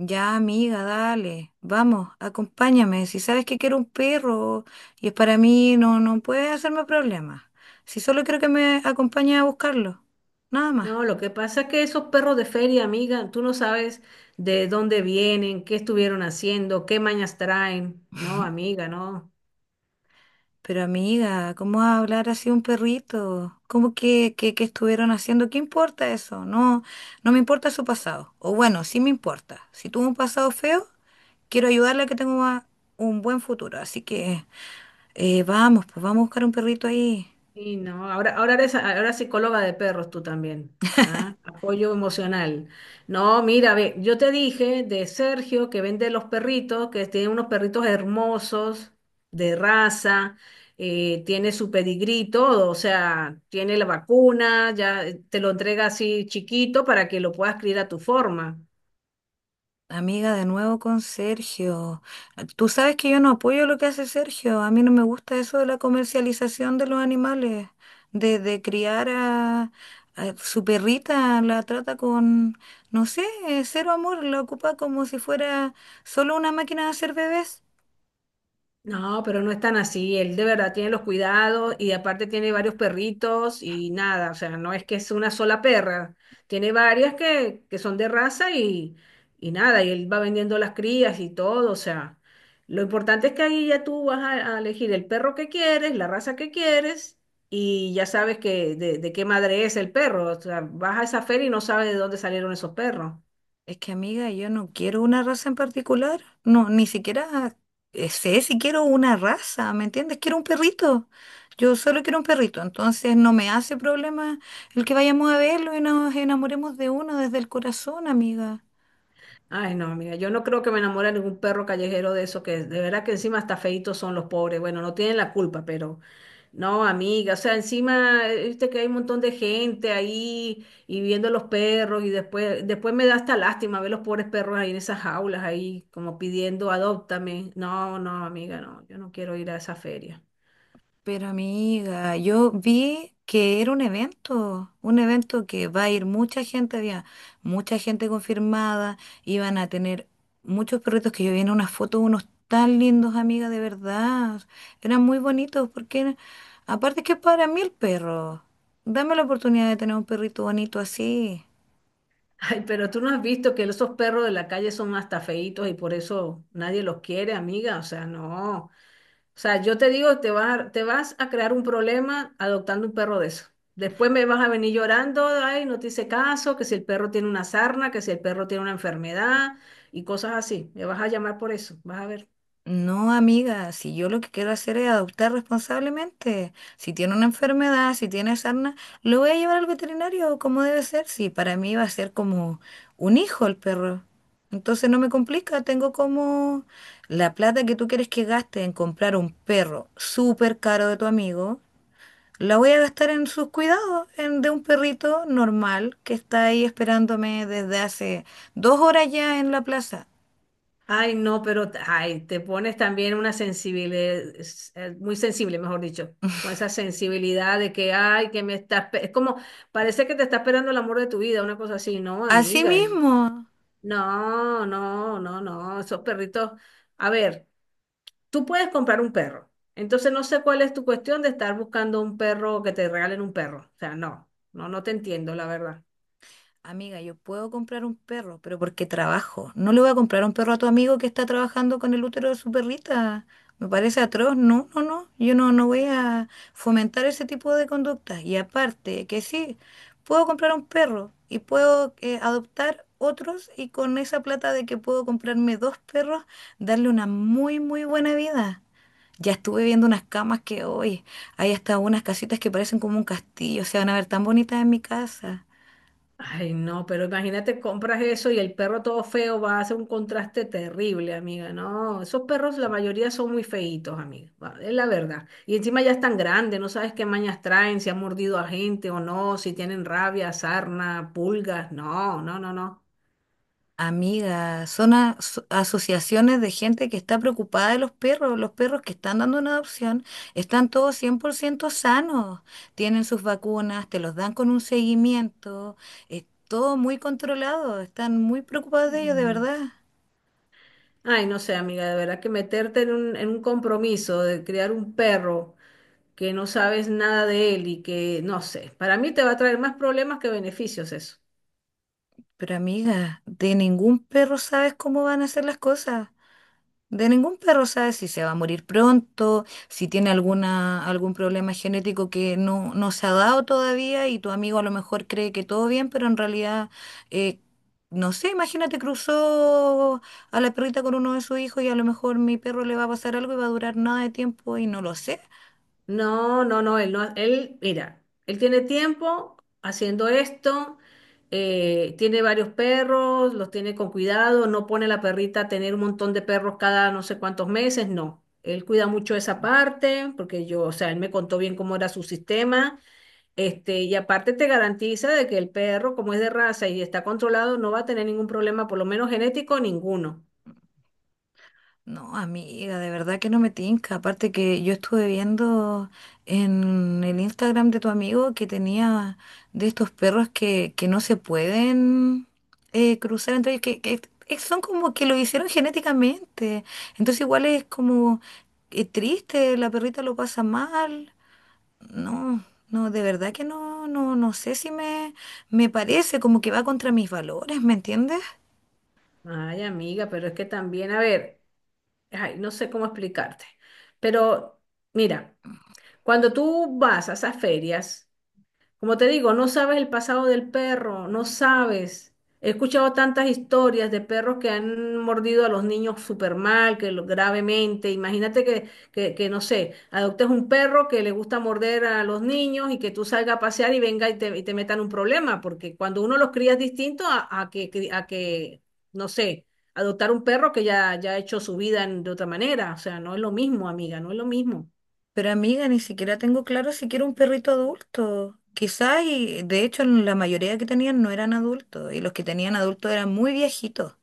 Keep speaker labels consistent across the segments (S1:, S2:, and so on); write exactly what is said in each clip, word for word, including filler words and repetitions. S1: Ya, amiga, dale, vamos, acompáñame. Si sabes que quiero un perro y es para mí, no, no puedes hacerme problemas. Si solo quiero que me acompañes a buscarlo, nada más.
S2: No, lo que pasa es que esos perros de feria, amiga, tú no sabes de dónde vienen, qué estuvieron haciendo, qué mañas traen. No, amiga, no.
S1: Pero amiga, ¿cómo vas a hablar así de un perrito? ¿Cómo que, que, que estuvieron haciendo? ¿Qué importa eso? No, no me importa su pasado. O bueno, sí me importa. Si tuvo un pasado feo, quiero ayudarle a que tenga un buen futuro. Así que eh, vamos, pues vamos a buscar un perrito ahí.
S2: Sí, no. Ahora, ahora eres, ahora psicóloga de perros tú también. ¿Ah? Apoyo emocional. No, mira, ve, yo te dije de Sergio que vende los perritos, que tiene unos perritos hermosos, de raza, eh, tiene su pedigrí, y todo, o sea, tiene la vacuna, ya eh, te lo entrega así chiquito para que lo puedas criar a tu forma.
S1: Amiga, de nuevo con Sergio. Ah, tú sabes que yo no apoyo lo que hace Sergio. A mí no me gusta eso de la comercialización de los animales, de, de criar a, a su perrita, la trata con, no sé, eh, cero amor, la ocupa como si fuera solo una máquina de hacer bebés.
S2: No, pero no es tan así. Él de verdad tiene los cuidados y aparte tiene varios perritos y nada, o sea, no es que es una sola perra. Tiene varias que, que son de raza y, y nada, y él va vendiendo las crías y todo, o sea, lo importante es que ahí ya tú vas a, a elegir el perro que quieres, la raza que quieres y ya sabes que de, de qué madre es el perro. O sea, vas a esa feria y no sabes de dónde salieron esos perros.
S1: Es que amiga, yo no quiero una raza en particular. No, ni siquiera eh, sé si quiero una raza, ¿me entiendes? Quiero un perrito. Yo solo quiero un perrito. Entonces no me hace problema el que vayamos a verlo y nos enamoremos de uno desde el corazón, amiga.
S2: Ay, no, mira, yo no creo que me enamore de ningún perro callejero de eso, que de verdad que encima hasta feitos son los pobres. Bueno, no tienen la culpa, pero no, amiga, o sea, encima, eh, viste que hay un montón de gente ahí y viendo los perros y después, después me da hasta lástima ver los pobres perros ahí en esas jaulas, ahí como pidiendo, adóptame. No, no, amiga, no, yo no quiero ir a esa feria.
S1: Pero amiga, yo vi que era un evento, un evento que va a ir mucha gente, había mucha gente confirmada, iban a tener muchos perritos que yo vi en unas fotos, unos tan lindos, amiga, de verdad. Eran muy bonitos porque, aparte que para mí el perro, dame la oportunidad de tener un perrito bonito así.
S2: Ay, pero tú no has visto que esos perros de la calle son hasta feitos y por eso nadie los quiere, amiga, o sea, no. O sea, yo te digo, te vas a, te vas a crear un problema adoptando un perro de eso. Después me vas a venir llorando, ay, no te hice caso, que si el perro tiene una sarna, que si el perro tiene una enfermedad y cosas así. Me vas a llamar por eso, vas a ver.
S1: No, amiga, si yo lo que quiero hacer es adoptar responsablemente. Si tiene una enfermedad, si tiene sarna, lo voy a llevar al veterinario como debe ser. Si para mí va a ser como un hijo el perro. Entonces no me complica, tengo como la plata que tú quieres que gaste en comprar un perro súper caro de tu amigo, la voy a gastar en sus cuidados, en de un perrito normal que está ahí esperándome desde hace dos horas ya en la plaza.
S2: Ay, no, pero, t- ay, te pones también una sensibilidad, muy sensible, mejor dicho, con esa sensibilidad de que, ay, que me estás, pe- es como, parece que te está esperando el amor de tu vida, una cosa así. No,
S1: Así
S2: amiga, eh,
S1: mismo.
S2: no, no, no, no, esos perritos. A ver. Tú puedes comprar un perro. Entonces no sé cuál es tu cuestión de estar buscando un perro, que te regalen un perro. O sea, no, no, no te entiendo, la verdad.
S1: Amiga, yo puedo comprar un perro, pero porque trabajo. No le voy a comprar un perro a tu amigo que está trabajando con el útero de su perrita. Me parece atroz. No, no, no. Yo no, no voy a fomentar ese tipo de conductas. Y aparte, que sí, puedo comprar un perro y puedo eh, adoptar otros y con esa plata de que puedo comprarme dos perros, darle una muy, muy buena vida. Ya estuve viendo unas camas que hoy hay hasta unas casitas que parecen como un castillo. Se van a ver tan bonitas en mi casa.
S2: Ay, no, pero imagínate, compras eso y el perro todo feo va a hacer un contraste terrible, amiga. No, esos perros la mayoría son muy feitos, amiga. va, Es la verdad. Y encima ya están grandes, no sabes qué mañas traen, si han mordido a gente o no, si tienen rabia, sarna, pulgas. No, no, no, no.
S1: Amiga, son aso- asociaciones de gente que está preocupada de los perros. Los perros que están dando una adopción están todos cien por ciento sanos. Tienen sus vacunas, te los dan con un seguimiento. Es todo muy controlado. Están muy preocupados de ellos, de
S2: Mm.
S1: verdad.
S2: Ay, no sé, amiga, de verdad que meterte en un, en un compromiso de criar un perro que no sabes nada de él y que, no sé, para mí te va a traer más problemas que beneficios eso.
S1: Pero amiga, de ningún perro sabes cómo van a hacer las cosas. De ningún perro sabe si se va a morir pronto, si tiene alguna, algún problema genético que no, no se ha dado todavía y tu amigo a lo mejor cree que todo bien, pero en realidad, eh, no sé, imagínate cruzó a la perrita con uno de sus hijos y a lo mejor mi perro le va a pasar algo y va a durar nada de tiempo y no lo sé.
S2: No, no, no, él no, él, mira, él tiene tiempo haciendo esto, eh, tiene varios perros, los tiene con cuidado, no pone a la perrita a tener un montón de perros cada no sé cuántos meses, no. Él cuida mucho esa parte, porque yo, o sea, él me contó bien cómo era su sistema, este, y aparte te garantiza de que el perro, como es de raza y está controlado, no va a tener ningún problema, por lo menos genético, ninguno.
S1: No, amiga, de verdad que no me tinca. Aparte que yo estuve viendo en el Instagram de tu amigo que tenía de estos perros que, que no se pueden eh, cruzar entre ellos, que, que es- son como que lo hicieron genéticamente. Entonces igual es como eh, triste, la perrita lo pasa mal. No, no, de verdad que no, no, no sé si me, me parece como que va contra mis valores, ¿me entiendes?
S2: Ay, amiga, pero es que también, a ver. Ay, no sé cómo explicarte, pero mira, cuando tú vas a esas ferias, como te digo, no sabes el pasado del perro, no sabes. He escuchado tantas historias de perros que han mordido a los niños súper mal, que lo, gravemente. Imagínate que, que, que, no sé, adoptes un perro que le gusta morder a los niños y que tú salgas a pasear y venga y te, y te metan un problema, porque cuando uno los cría es distinto a, a que, cri- a que, no sé, adoptar un perro que ya, ya ha hecho su vida en- de otra manera. O sea, no es lo mismo, amiga, no es lo mismo.
S1: Pero amiga, ni siquiera tengo claro si quiero un perrito adulto. Quizás, y de hecho la mayoría que tenían no eran adultos, y los que tenían adultos eran muy viejitos.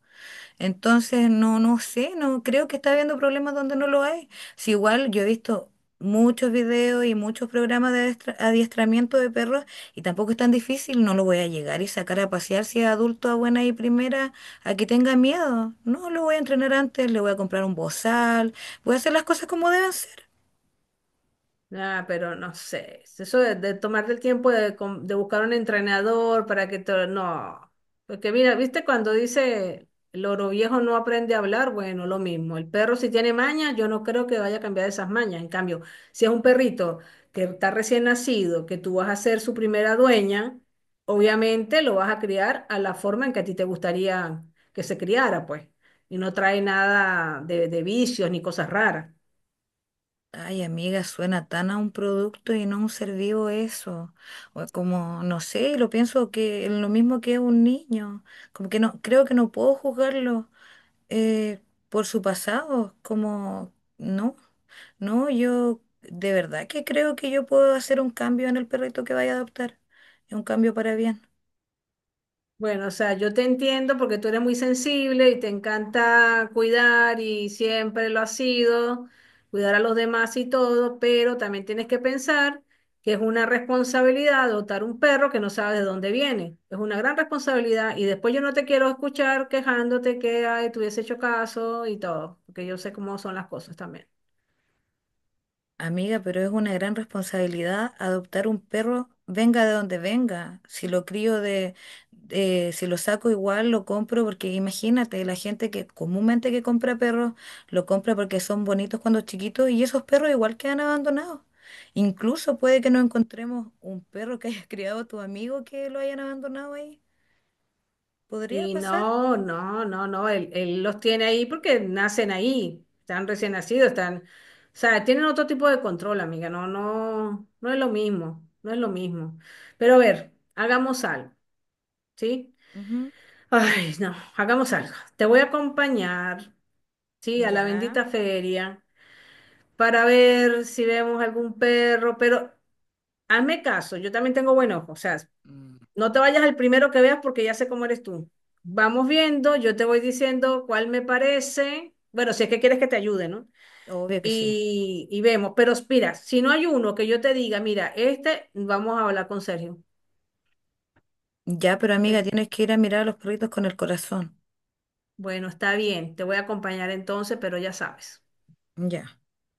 S1: Entonces, no, no sé, no creo que está habiendo problemas donde no lo hay. Si igual yo he visto muchos videos y muchos programas de adiestra- adiestramiento de perros, y tampoco es tan difícil, no lo voy a llegar y sacar a pasear si es adulto a buena y primera a que tenga miedo. No, lo voy a entrenar antes, le voy a comprar un bozal, voy a hacer las cosas como deben ser.
S2: Ah, pero no sé, eso de, de tomarte el tiempo de, com- de buscar un entrenador para que te... No, porque mira, viste cuando dice el oro viejo no aprende a hablar, bueno, lo mismo, el perro si tiene mañas, yo no creo que vaya a cambiar esas mañas, en cambio, si es un perrito que está recién nacido, que tú vas a ser su primera dueña, obviamente lo vas a criar a la forma en que a ti te gustaría que se criara, pues, y no trae nada de, de vicios ni cosas raras.
S1: Ay, amiga, suena tan a un producto y no a un ser vivo eso. O como, no sé, lo pienso que lo mismo que un niño. Como que no, creo que no puedo juzgarlo eh, por su pasado. Como, no, no, yo de verdad que creo que yo puedo hacer un cambio en el perrito que vaya a adoptar. Un cambio para bien.
S2: Bueno, o sea, yo te entiendo porque tú eres muy sensible y te encanta cuidar y siempre lo has sido, cuidar a los demás y todo, pero también tienes que pensar que es una responsabilidad adoptar un perro que no sabes de dónde viene. Es una gran responsabilidad y después yo no te quiero escuchar quejándote que ay, te hubiese hecho caso y todo, porque yo sé cómo son las cosas también.
S1: Amiga, pero es una gran responsabilidad adoptar un perro, venga de donde venga. Si lo crío de, de- si lo saco igual, lo compro porque imagínate, la gente que comúnmente que compra perros, lo compra porque son bonitos cuando chiquitos y esos perros igual quedan abandonados. Incluso puede que no encontremos un perro que hayas criado tu amigo que lo hayan abandonado ahí. ¿Podría
S2: Y
S1: pasar?
S2: no, no, no, no, él, él los tiene ahí porque nacen ahí, están recién nacidos, están, o sea, tienen otro tipo de control, amiga, no, no, no es lo mismo, no es lo mismo. Pero a ver, hagamos algo, ¿sí?
S1: Ujú.
S2: Ay, no, hagamos algo. Te voy a acompañar, ¿sí? A la
S1: Ya.
S2: bendita feria para ver si vemos algún perro, pero hazme caso, yo también tengo buen ojo, o sea,
S1: Mm.
S2: no te vayas al primero que veas porque ya sé cómo eres tú. Vamos viendo, yo te voy diciendo cuál me parece. Bueno, si es que quieres que te ayude, ¿no?
S1: Obvio que sí.
S2: Y, y vemos. Pero mira, si no hay uno que yo te diga, mira, este, vamos a hablar con Sergio.
S1: Ya, pero amiga,
S2: Pues,
S1: tienes que ir a mirar a los perritos con el corazón.
S2: bueno, está bien, te voy a acompañar entonces, pero ya sabes.
S1: Ya.